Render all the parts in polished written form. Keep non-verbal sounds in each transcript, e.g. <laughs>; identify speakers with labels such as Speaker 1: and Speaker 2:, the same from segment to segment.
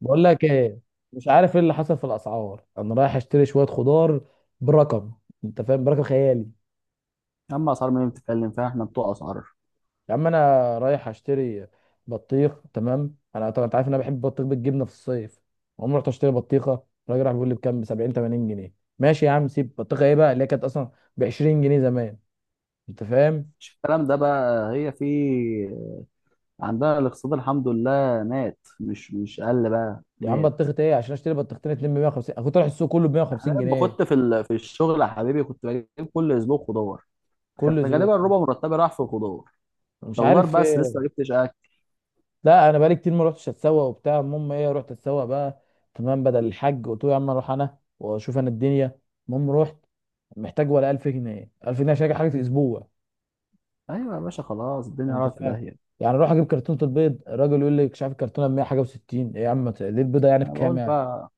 Speaker 1: بقول لك ايه؟ مش عارف ايه اللي حصل في الاسعار. انا رايح اشتري شويه خضار برقم. انت فاهم؟ برقم خيالي.
Speaker 2: اما اسعار مين بتتكلم فيها؟ احنا بتوع اسعار.
Speaker 1: يا عم انا رايح اشتري بطيخ. تمام، انا طبعا انت عارف ان انا بحب البطيخ بالجبنه في الصيف. عمري رحت اشتري بطيخه، الراجل راح بيقول لي بكام؟ ب 70 80 جنيه. ماشي يا عم، سيب بطيخه، ايه بقى اللي هي كانت اصلا ب 20 جنيه زمان؟ انت فاهم.
Speaker 2: مش الكلام ده بقى، هي في عندنا الاقتصاد الحمد لله مات، مش قل بقى،
Speaker 1: يا عم
Speaker 2: مات.
Speaker 1: بطيخه ايه؟ عشان اشتري بطيختين اتنين ب 150، انا كنت رايح السوق كله ب
Speaker 2: انا
Speaker 1: 150
Speaker 2: لما
Speaker 1: جنيه
Speaker 2: كنت في في الشغل يا حبيبي، كنت بجيب كل اسبوع خضار. كان
Speaker 1: كل
Speaker 2: غالبا
Speaker 1: ذوق.
Speaker 2: ربع مرتبي راح في الخضار.
Speaker 1: مش
Speaker 2: ده خضار
Speaker 1: عارف
Speaker 2: بس، لسه
Speaker 1: ايه.
Speaker 2: ما جبتش اكل.
Speaker 1: لا انا بقالي كتير ما رحتش اتسوق وبتاع، المهم ايه، رحت اتسوق بقى. تمام، بدل الحج قلت له يا عم اروح انا واشوف انا الدنيا. المهم رحت، محتاج ولا 1000 جنيه، 1000 جنيه عشان أجيب حاجه في اسبوع.
Speaker 2: ايوه يا باشا، خلاص
Speaker 1: يعني
Speaker 2: الدنيا
Speaker 1: انت
Speaker 2: راحت في
Speaker 1: فاهم،
Speaker 2: داهيه.
Speaker 1: يعني اروح اجيب كرتونه البيض، الراجل يقول لي مش عارف الكرتونه ب 100 حاجه و60. ايه يا عم، ليه البيضه يعني
Speaker 2: انا بقول
Speaker 1: بكام يعني؟
Speaker 2: بقى،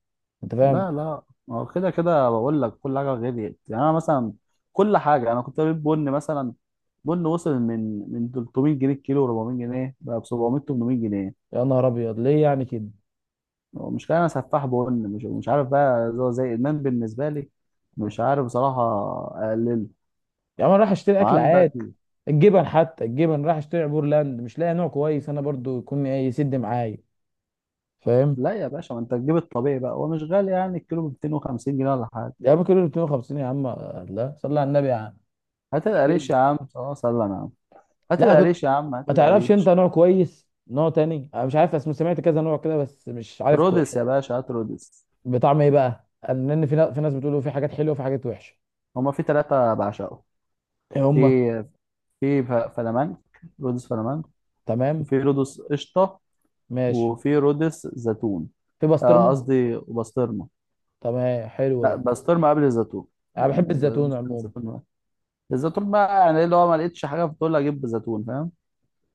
Speaker 1: انت فاهم.
Speaker 2: لا، لا. ما هو كده كده، بقول لك كل حاجه غليت. يعني انا مثلا، كل حاجه انا كنت بجيب بن مثلا. بن وصل من 300 جنيه الكيلو، 400 جنيه، بقى ب 700 800 جنيه.
Speaker 1: يا نهار ابيض، ليه يعني كده؟
Speaker 2: هو مش كده، انا سفاح بن، مش عارف بقى، زي ادمان بالنسبه لي. مش عارف بصراحه، اقلله
Speaker 1: يا عم انا رايح اشتري اكل
Speaker 2: وعندك.
Speaker 1: عادي. الجبن، حتى الجبن رايح اشتري عبور لاند، مش لاقي نوع كويس انا برضو يكون ايه يسد معايا، فاهم.
Speaker 2: لا يا باشا، ما انت تجيب الطبيعي بقى، هو مش غالي يعني، الكيلو ب 250 جنيه ولا حاجه.
Speaker 1: يا عم كيلو 250 يا عم؟ لا صلي على النبي يا عم،
Speaker 2: هات
Speaker 1: مش كده.
Speaker 2: القريش يا عم، اه سلم يا عم، هات
Speaker 1: لا كنت،
Speaker 2: القريش يا عم، هات
Speaker 1: ما تعرفش انت
Speaker 2: القريش.
Speaker 1: نوع كويس، نوع تاني انا مش عارف اسمه، سمعت كذا نوع كده بس مش عارف
Speaker 2: رودس يا باشا، هات رودس.
Speaker 1: بطعم ايه بقى؟ لان في ناس بتقولوا في حاجات حلوه وفي حاجات وحشه.
Speaker 2: هما في ثلاثه بعشقهم.
Speaker 1: ايه
Speaker 2: في
Speaker 1: هما؟
Speaker 2: في ف- فلامنك رودس فلامنك.
Speaker 1: تمام.
Speaker 2: وفي رودس قشطه،
Speaker 1: ماشي.
Speaker 2: وفي رودس زيتون.
Speaker 1: في
Speaker 2: آه،
Speaker 1: بسطرمه.
Speaker 2: قصدي وبسطرمه.
Speaker 1: تمام، حلو
Speaker 2: لا
Speaker 1: ده.
Speaker 2: بسطرمه قبل الزيتون.
Speaker 1: انا
Speaker 2: يعني
Speaker 1: بحب الزيتون
Speaker 2: ممكن
Speaker 1: عموما.
Speaker 2: الزيتون بقى. الزيتون بقى يعني ايه اللي هو ما لقيتش حاجه فدول، اجيب زيتون فاهم.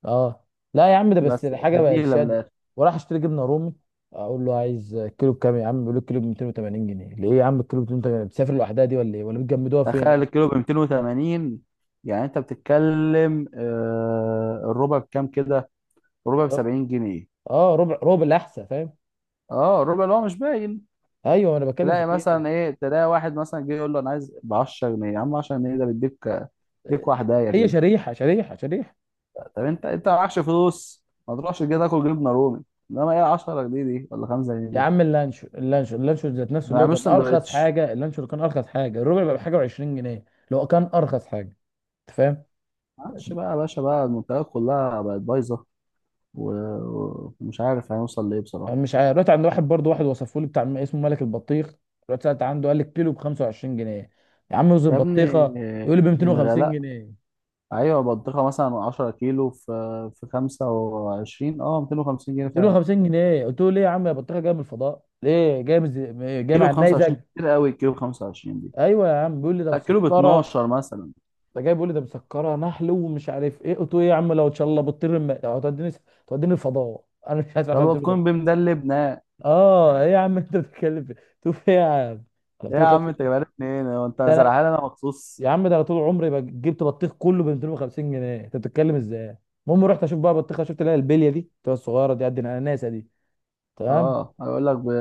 Speaker 1: اه. لا يا عم ده بس
Speaker 2: بس
Speaker 1: الحاجه بقت
Speaker 2: بديله من
Speaker 1: شاده.
Speaker 2: الاخر.
Speaker 1: وراح اشتري جبنه رومي، اقول له عايز كيلو بكام يا عم، بيقول لي الكيلو ب 280 جنيه. ليه يا عم الكيلو ب 280؟ بتسافر لوحدها دي ولا ايه ولا بتجمدوها
Speaker 2: تخيل
Speaker 1: فين؟
Speaker 2: الكيلو ب 280. يعني انت بتتكلم، آه، الربع بكام كده؟ الربع ب 70 جنيه.
Speaker 1: اه ربع، ربع الاحسن، فاهم.
Speaker 2: اه، الربع اللي هو مش باين.
Speaker 1: ايوه انا بتكلم في
Speaker 2: تلاقي
Speaker 1: كده.
Speaker 2: مثلا ايه، تلاقي واحد مثلا جه يقول له انا عايز ب 10 جنيه. يا عم 10 جنيه ده بيديك، بيديك واحده.
Speaker 1: هي شريحه شريحه شريحه.
Speaker 2: طب انت معكش فلوس، ما تروحش كده تاكل جبنه رومي. انما ايه، 10 جنيه دي ولا 5 جنيه
Speaker 1: يا
Speaker 2: دي.
Speaker 1: عم اللانشو، اللانشو اللانشو ذات نفسه
Speaker 2: ما
Speaker 1: اللي هو
Speaker 2: يعملوش
Speaker 1: كان ارخص
Speaker 2: سندوتش.
Speaker 1: حاجه، اللانشو اللي كان ارخص حاجه الربع بقى بحاجه و20 جنيه، اللي هو كان ارخص حاجه. انت فاهم.
Speaker 2: معلش بقى يا باشا بقى، المنتجات كلها بقت بايظه، ومش عارف هنوصل لايه
Speaker 1: انا
Speaker 2: بصراحه.
Speaker 1: مش عارف، رحت عند واحد برضه، واحد وصفه لي بتاع اسمه ملك البطيخ. رحت سالت عنده قال لي الكيلو ب 25 جنيه. يا عم رز
Speaker 2: يا ابني
Speaker 1: البطيخه؟ يقول لي ب 250
Speaker 2: الغلاء.
Speaker 1: جنيه
Speaker 2: ايوه بطيخه مثلا 10 كيلو، في 25، اه 250 جنيه فعلا.
Speaker 1: 250 جنيه! قلت له ليه يا عم يا بطيخه؟ جايه من الفضاء؟ ليه جايه من جايه
Speaker 2: كيلو
Speaker 1: مع
Speaker 2: ب 25
Speaker 1: النيزك؟
Speaker 2: كتير قوي، الكيلو ب 25 دي.
Speaker 1: ايوه يا عم بيقول لي ده
Speaker 2: لا كيلو ب
Speaker 1: مسكره.
Speaker 2: 12 مثلا.
Speaker 1: ده جاي بيقول لي ده مسكره نحل ومش عارف ايه. قلت له ايه يا عم؟ لو ان شاء الله بتطير هتوديني، توديني الفضاء؟ انا مش عارف افهم
Speaker 2: يلا
Speaker 1: بتقول
Speaker 2: تكون
Speaker 1: إيه.
Speaker 2: بمدلبنا ايه.
Speaker 1: اه ايه يا عم انت بتتكلم في؟ تقول ايه يا عم؟ انا
Speaker 2: يا
Speaker 1: بتقول
Speaker 2: عم انت
Speaker 1: 50.
Speaker 2: جايبها لي منين؟ هو انت
Speaker 1: ده انا،
Speaker 2: زرعها لي انا مخصوص؟
Speaker 1: يا عم ده انا طول عمري جبت بطيخ كله ب 250 جنيه، انت بتتكلم ازاي؟ المهم رحت اشوف بقى بطيخه، شفت اللي هي البليه دي بتبقى الصغيره دي قد الاناناسه دي، تمام.
Speaker 2: اه هيقول لك ب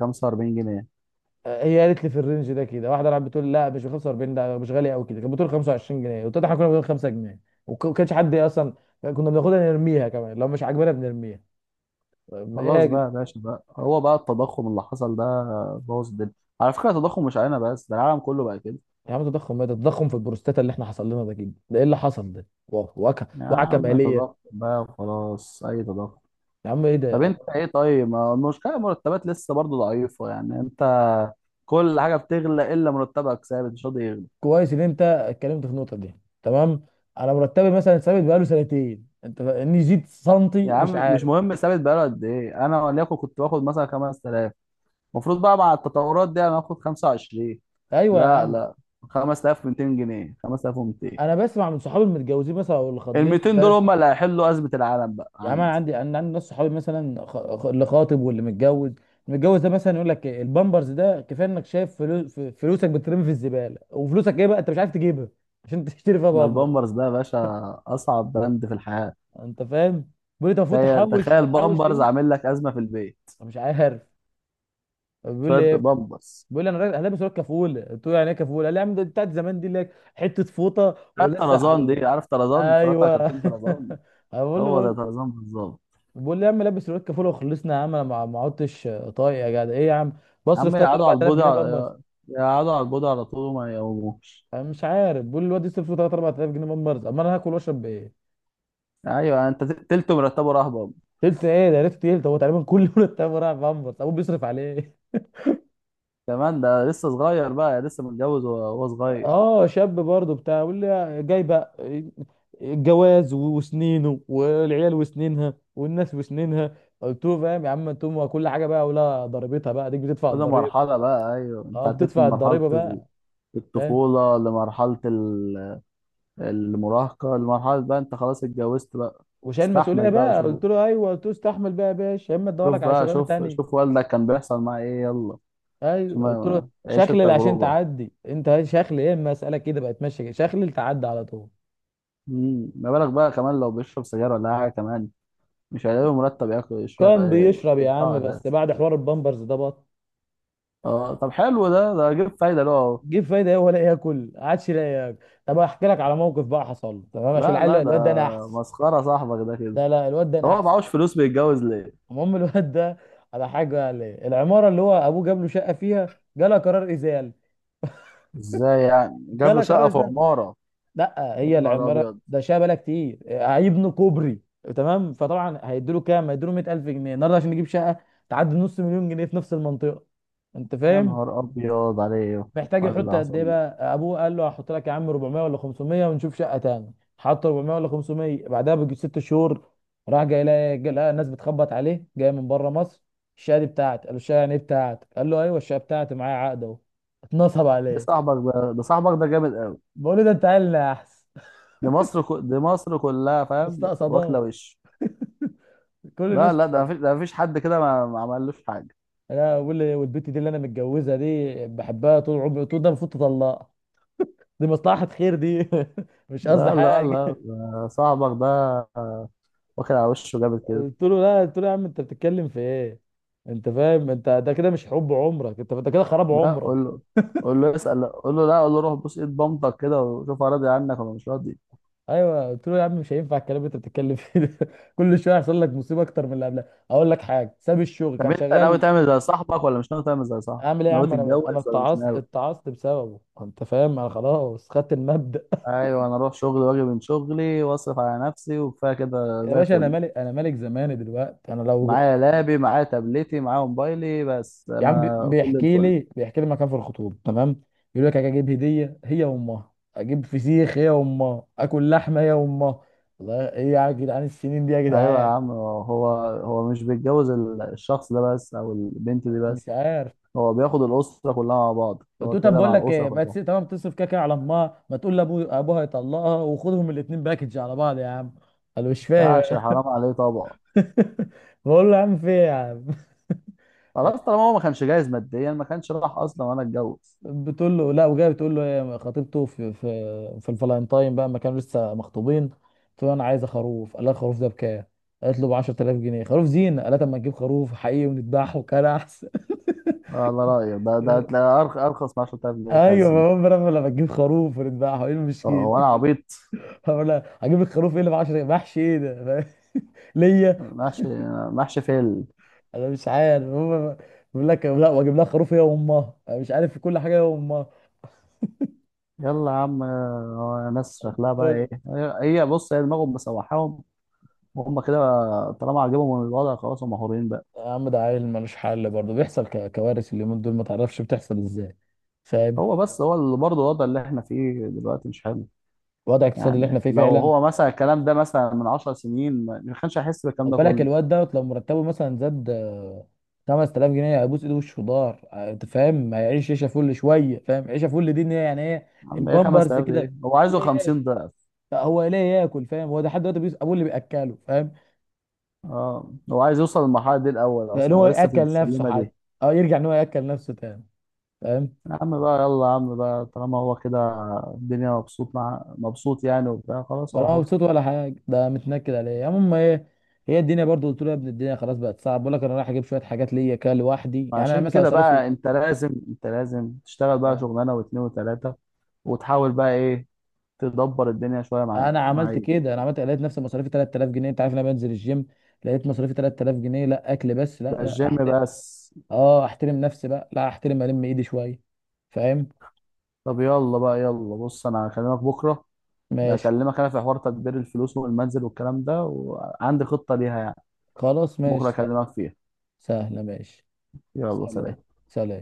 Speaker 2: 45 جنيه.
Speaker 1: هي قالت لي في الرينج ده كده، واحده راحت بتقول لا مش ب 45 ده، مش غالي قوي كده، كانت بتقول 25 جنيه، وطلع احنا كنا بنقول 5 جنيه وما كانش حد اصلا، كنا بناخدها نرميها، كمان لو مش عاجبانا بنرميها، ما ايه يا
Speaker 2: خلاص بقى يا باشا بقى، هو بقى التضخم اللي حصل ده بوظ الدنيا. على فكرة التضخم مش علينا بس، ده العالم كله بقى كده.
Speaker 1: يا عم تضخم ايه ده؟ التضخم في البروستاتا اللي احنا حصل لنا ده كده، ده ايه اللي حصل ده؟ وعكه،
Speaker 2: يا
Speaker 1: وعكه
Speaker 2: عم
Speaker 1: ماليه.
Speaker 2: تضخم بقى وخلاص، اي تضخم.
Speaker 1: يا عم ايه
Speaker 2: طب
Speaker 1: ده.
Speaker 2: انت ايه؟ طيب ما المشكلة، المرتبات لسه برضه ضعيفة، يعني انت كل حاجة بتغلى الا مرتبك، ثابت مش راضي يغلى.
Speaker 1: كويس ان انت اتكلمت في النقطه دي، تمام. انا مرتبي مثلا ثابت بقاله سنتين، انت اني زيد
Speaker 2: يا
Speaker 1: سنتي مش
Speaker 2: عم مش
Speaker 1: عارف.
Speaker 2: مهم ثابت بقاله قد ايه، انا وليكن كنت باخد مثلا 5000، المفروض بقى مع التطورات دي انا هاخد 25.
Speaker 1: ايوه يا
Speaker 2: لا،
Speaker 1: عم،
Speaker 2: لا، 5200 جنيه، 5200.
Speaker 1: انا بسمع من صحابي المتجوزين مثلا او اللي
Speaker 2: ال
Speaker 1: خاطبين.
Speaker 2: 200 دول هم اللي هيحلوا ازمه العالم بقى
Speaker 1: يا عم انا
Speaker 2: عندي.
Speaker 1: عندي، انا عندي ناس صحابي مثلا اللي خاطب واللي متجوز. المتجوز ده مثلا يقول لك إيه، البامبرز ده كفايه، انك شايف فلوس، فلوسك بترمي في الزباله، وفلوسك ايه بقى انت مش عارف تجيبها عشان <laughs> تشتري فيها
Speaker 2: ده
Speaker 1: بامبر.
Speaker 2: البامبرز ده يا باشا اصعب براند في الحياه.
Speaker 1: انت فاهم. بيقول لي انت المفروض
Speaker 2: تخيل،
Speaker 1: تحوش،
Speaker 2: تخيل
Speaker 1: بحوش
Speaker 2: بامبرز
Speaker 1: ليه؟
Speaker 2: عامل لك ازمه في البيت،
Speaker 1: أنا مش عارف. بيقول
Speaker 2: شويه
Speaker 1: لي ايه،
Speaker 2: بامبرز.
Speaker 1: بيقول لي انا هلبس لك كفوله. قلت له يعني ايه كفوله؟ قال لي يا عم ده بتاعت زمان دي، لك حته فوطه
Speaker 2: هات
Speaker 1: ولزق
Speaker 2: طرزان
Speaker 1: على.
Speaker 2: دي، عارف طرزان؟ اتفرجت على
Speaker 1: ايوه
Speaker 2: كرتون طرزان؟
Speaker 1: <laughs> بقول له
Speaker 2: هو زي
Speaker 1: بقول
Speaker 2: طرزان بالظبط.
Speaker 1: بقول لي يا عم لبس الواد كفوله وخلصنا. يا عم انا ما عدتش طايق يا جدع، ايه يا عم؟
Speaker 2: يا
Speaker 1: بصرف
Speaker 2: عم
Speaker 1: 3
Speaker 2: يقعدوا على
Speaker 1: 4000
Speaker 2: البودي
Speaker 1: جنيه بامبرز؟
Speaker 2: على- يقعدوا على البودي على طول وما يقوموش.
Speaker 1: انا مش عارف، بقول لي الواد يصرف 3 4000 جنيه بامبرز، اما انا هاكل واشرب بايه؟
Speaker 2: ايوه انت تلته مرتبه راح بامبرز.
Speaker 1: تلت ايه ده؟ يا ريت تلت، هو تقريبا كل يوم التاني رايح بامبرز، ابوه بيصرف عليه.
Speaker 2: كمان ده لسه صغير بقى، لسه متجوز وهو صغير.
Speaker 1: اه شاب برضه بتاع، بيقول لي جاي بقى الجواز وسنينه، والعيال وسنينها، والناس وسنينها. قلت له فاهم يا عم، انتم كل حاجه بقى ولا ضريبتها، بقى ديك بتدفع
Speaker 2: كل
Speaker 1: الضريبه.
Speaker 2: مرحله بقى، ايوه انت
Speaker 1: اه
Speaker 2: عديت من
Speaker 1: بتدفع
Speaker 2: مرحله
Speaker 1: الضريبه بقى، فاهم.
Speaker 2: الطفوله لمرحله المراهقة، المرحلة بقى انت خلاص اتجوزت بقى.
Speaker 1: وشايل مسؤوليه
Speaker 2: استحمل بقى
Speaker 1: بقى،
Speaker 2: وشوف.
Speaker 1: قلت له ايوه، قلت له استحمل بقى يا باشا، يا اما ادور لك
Speaker 2: شوف
Speaker 1: على
Speaker 2: بقى،
Speaker 1: شغلانه
Speaker 2: شوف،
Speaker 1: تانية.
Speaker 2: شوف والدك كان بيحصل معاه ايه، يلا، عشان
Speaker 1: ايوه قلت له
Speaker 2: عيش
Speaker 1: شخلل عشان
Speaker 2: التجربة.
Speaker 1: تعدي، انت شخلل ايه؟ اما اسالك كده بقى تمشي كده، شخلل تعدي على طول.
Speaker 2: ما بالك بقى كمان لو بيشرب سجاير ولا حاجة كمان، مش هيلاقي مرتب ياكل يشرب
Speaker 1: كان بيشرب يا
Speaker 2: يدفعه
Speaker 1: عم، بس
Speaker 2: اساسا.
Speaker 1: بعد حوار البامبرز ده بط.
Speaker 2: اه طب حلو ده جيب فايدة له اهو.
Speaker 1: جيب فايده ايه؟ ولا ياكل، ما عادش لاقي ياكل. طب احكي لك على موقف بقى حصل له، تمام، عشان
Speaker 2: لا،
Speaker 1: العيل
Speaker 2: لا، ده
Speaker 1: الواد ده انا احسن.
Speaker 2: مسخرة صاحبك ده كده.
Speaker 1: ده لا الواد ده
Speaker 2: طب
Speaker 1: انا
Speaker 2: هو
Speaker 1: احسن
Speaker 2: معهوش فلوس بيتجوز ليه؟
Speaker 1: المهم الواد ده، على حاجه قال ايه؟ العماره اللي هو ابوه جاب له شقه فيها جالها قرار ازاله.
Speaker 2: ازاي يعني؟ جاب له
Speaker 1: جالها قرار
Speaker 2: شقة في
Speaker 1: ازاله.
Speaker 2: عمارة؟
Speaker 1: لا
Speaker 2: يا
Speaker 1: هي
Speaker 2: نهار
Speaker 1: العماره
Speaker 2: ابيض.
Speaker 1: ده شبكه كتير، هيبنوا كوبري. تمام، فطبعا هيدوا له كام؟ هيدوا له 100,000 جنيه النهارده عشان نجيب شقه تعدي نص مليون جنيه في نفس المنطقه. انت
Speaker 2: يا
Speaker 1: فاهم.
Speaker 2: نهار ابيض عليه
Speaker 1: محتاج
Speaker 2: وعلى
Speaker 1: يحط
Speaker 2: اللي
Speaker 1: قد
Speaker 2: حصل
Speaker 1: ايه
Speaker 2: له.
Speaker 1: بقى؟ ابوه قال له هحط لك يا عم 400 ولا 500 ونشوف شقه تاني، حط 400 ولا 500، بعدها بيجي ست شهور راح جاي، لقى جاي لقى الناس بتخبط عليه جاي من بره مصر، الشقه دي بتاعتي. قال له الشقه يعني ايه بتاعتك؟ قال له ايوه الشقه بتاعتي، معايا عقد اهو. اتنصب عليه.
Speaker 2: ده صاحبك ده جامد قوي.
Speaker 1: بقول له ده انت عيلنا، يا احسن <laughs>
Speaker 2: دي دي مصر كلها فاهم، واكله
Speaker 1: مستقصداه
Speaker 2: وش.
Speaker 1: كل
Speaker 2: لا،
Speaker 1: الناس.
Speaker 2: لا، ده مفيش حد كده، ما عملوش حاجه.
Speaker 1: انا اقول لي والبت دي اللي انا متجوزها دي بحبها طول عمري. قلت له ده المفروض تطلقها، دي مصلحة خير دي. <laughs> مش قصدي
Speaker 2: لا، لا،
Speaker 1: حاجة.
Speaker 2: لا، ده صاحبك ده واكل على وشه جامد كده.
Speaker 1: قلت له لا، قلت له يا عم انت بتتكلم في ايه؟ انت فاهم، انت ده كده مش حب عمرك، انت انت كده خراب
Speaker 2: لا قول
Speaker 1: عمرك.
Speaker 2: له، قول له اسال، قول له، لا قول له روح بوس ايد بامتك كده، وشوف هو راضي عنك ولا مش راضي.
Speaker 1: ايوه قلت له يا عم مش هينفع الكلام اللي انت بتتكلم فيه ده. <laughs> كل شويه يحصل لك مصيبه اكتر من اللي قبلها. اقول لك حاجه، ساب الشغل
Speaker 2: طب
Speaker 1: كان
Speaker 2: انت ناوي
Speaker 1: شغال.
Speaker 2: تعمل زي صاحبك ولا مش ناوي تعمل زي صاحبك؟
Speaker 1: اعمل ايه يا
Speaker 2: ناوي
Speaker 1: عم؟ انا
Speaker 2: تتجوز ولا مش
Speaker 1: اتعصت،
Speaker 2: ناوي؟
Speaker 1: اتعصت بسببه، انت فاهم، انا خلاص خدت المبدأ.
Speaker 2: ايوه انا اروح شغلي واجي من شغلي واصرف على نفسي وكفايه
Speaker 1: <laughs>
Speaker 2: كده
Speaker 1: يا
Speaker 2: زي
Speaker 1: باشا انا
Speaker 2: الفل.
Speaker 1: ملك، انا ملك زماني دلوقتي. انا لو،
Speaker 2: معايا لابي، معايا تابلتي، معايا موبايلي، بس
Speaker 1: يا عم
Speaker 2: انا فل
Speaker 1: بيحكي
Speaker 2: الفل.
Speaker 1: لي بيحكي لي مكان في الخطوبه، تمام، يقول لك اجيب هديه هي وامها، اجيب فسيخ هي وامها، اكل لحمه هي وامها. والله ايه يا جدعان السنين دي يا
Speaker 2: ايوه يا
Speaker 1: جدعان؟
Speaker 2: عم، هو مش بيتجوز الشخص ده بس او البنت دي
Speaker 1: مش
Speaker 2: بس.
Speaker 1: عارف.
Speaker 2: هو بياخد الاسره كلها مع بعض،
Speaker 1: قلت
Speaker 2: هو
Speaker 1: له طب
Speaker 2: كده
Speaker 1: بقول
Speaker 2: مع
Speaker 1: لك
Speaker 2: الاسره
Speaker 1: ايه، ما
Speaker 2: كلها.
Speaker 1: تسيب، تمام، تصرف كده كده على امها، ما تقول لابو ابوها يطلقها وخدهم الاثنين باكج على بعض يا عم. قال له مش فاهم.
Speaker 2: فعشان حرام عليه طبعا.
Speaker 1: <laughs> بقول له يا عم في ايه يا عم؟
Speaker 2: خلاص طالما هو ما كانش جاهز ماديا، ما كانش راح اصلا وانا اتجوز.
Speaker 1: بتقول له لا وجايه بتقول له، هي خطيبته في الفالنتاين بقى ما كانوا لسه مخطوبين، قلت له انا عايزه خروف. قال لها الخروف ده بكام؟ قالت له ب 10,000 جنيه خروف زينه. قالت اما نجيب خروف حقيقي ونذبحه كان احسن.
Speaker 2: على رايك ده
Speaker 1: <laughs>
Speaker 2: تلاقي ارخص من 10000 جنيه بتاع
Speaker 1: ايوه، ما
Speaker 2: الزينه.
Speaker 1: هو انا لما تجيب خروف ونذبحه ايه
Speaker 2: آه،
Speaker 1: المشكله؟
Speaker 2: هو انا عبيط؟
Speaker 1: <laughs> بقول لها هجيب الخروف ايه اللي ب 10 محشي ايه ده؟ <laughs> فاهم؟ ليا.
Speaker 2: محشي. محشي فيل.
Speaker 1: انا مش عارف هم، بيقول لك لا واجيب لها خروف هي وامها، أنا مش عارف في كل حاجه هي وامها.
Speaker 2: يلا يا عم. آه، ناس شكلها بقى ايه هي؟ هي بص، هي دماغهم مسوحاهم، هم كده. طالما عجبهم الوضع خلاص، هم مهورين بقى.
Speaker 1: يا عم ده عيل ملوش حل، برضه بيحصل كوارث اليومين دول ما تعرفش بتحصل ازاي، فاهم.
Speaker 2: هو بس هو اللي برضه، الوضع اللي احنا فيه دلوقتي مش حلو.
Speaker 1: الوضع الاقتصادي اللي احنا
Speaker 2: يعني
Speaker 1: فيه
Speaker 2: لو
Speaker 1: فعلا.
Speaker 2: هو مثلا الكلام ده مثلا من 10 سنين، ما كانش هيحس بالكلام
Speaker 1: خد
Speaker 2: ده
Speaker 1: بالك
Speaker 2: كله.
Speaker 1: الواد دوت، لو مرتبه مثلا زاد آه، 5000 جنيه هيبوس ايده وشه ضار، آه، انت فاهم هيعيش عيشه فل شويه، فاهم، عيشه فل دي ان هي يعني ايه؟
Speaker 2: يا عم ايه
Speaker 1: البامبرز
Speaker 2: 5000 ده؟
Speaker 1: كده،
Speaker 2: ايه، هو عايزه
Speaker 1: يلاقي ياكل.
Speaker 2: 50 ضعف.
Speaker 1: آه، هو يلاقي ياكل، فاهم، هو ده حد دلوقتي بيس ابوه اللي بياكله، فاهم.
Speaker 2: اه هو عايز يوصل للمرحله دي، الاول
Speaker 1: لان
Speaker 2: اصلا
Speaker 1: هو
Speaker 2: هو لسه في
Speaker 1: ياكل نفسه
Speaker 2: السلمه دي.
Speaker 1: حتى. اه يرجع ان هو ياكل نفسه تاني، فاهم.
Speaker 2: يا عم بقى، يلا يا عم بقى، طالما هو كده الدنيا، مبسوط مع مبسوط يعني وبتاع، خلاص هو
Speaker 1: ولا
Speaker 2: حر.
Speaker 1: مبسوط ولا حاجه، ده متنكد عليا. المهم ايه، هي الدنيا برضو. قلت له يا ابني الدنيا خلاص بقت صعب، بقول لك انا رايح اجيب شويه حاجات ليا كده لوحدي، يعني انا
Speaker 2: عشان
Speaker 1: مثلا
Speaker 2: كده
Speaker 1: مصاريفي.
Speaker 2: بقى انت لازم تشتغل بقى
Speaker 1: اه
Speaker 2: شغلانه واثنين وثلاثه، وتحاول بقى ايه، تدبر الدنيا شويه معايا
Speaker 1: انا عملت
Speaker 2: معايا
Speaker 1: كده، انا عملت لقيت نفسي مصاريفي 3000 جنيه، انت عارف إن انا بنزل الجيم، لقيت مصاريفي 3000 جنيه، لا اكل بس، لا
Speaker 2: ده
Speaker 1: لا
Speaker 2: الجيم
Speaker 1: احترم.
Speaker 2: بس.
Speaker 1: اه احترم نفسي بقى، لا احترم الم ايدي شويه، فاهم.
Speaker 2: طب يلا بقى، يلا بص، انا هكلمك بكره. ده
Speaker 1: ماشي.
Speaker 2: اكلمك انا في حوار تدبير الفلوس والمنزل والكلام ده، وعندي خطه ليها يعني،
Speaker 1: خلاص
Speaker 2: بكره
Speaker 1: ماشي.
Speaker 2: اكلمك فيها.
Speaker 1: سهله ماشي.
Speaker 2: يلا
Speaker 1: سلام.
Speaker 2: سلام.
Speaker 1: سلام.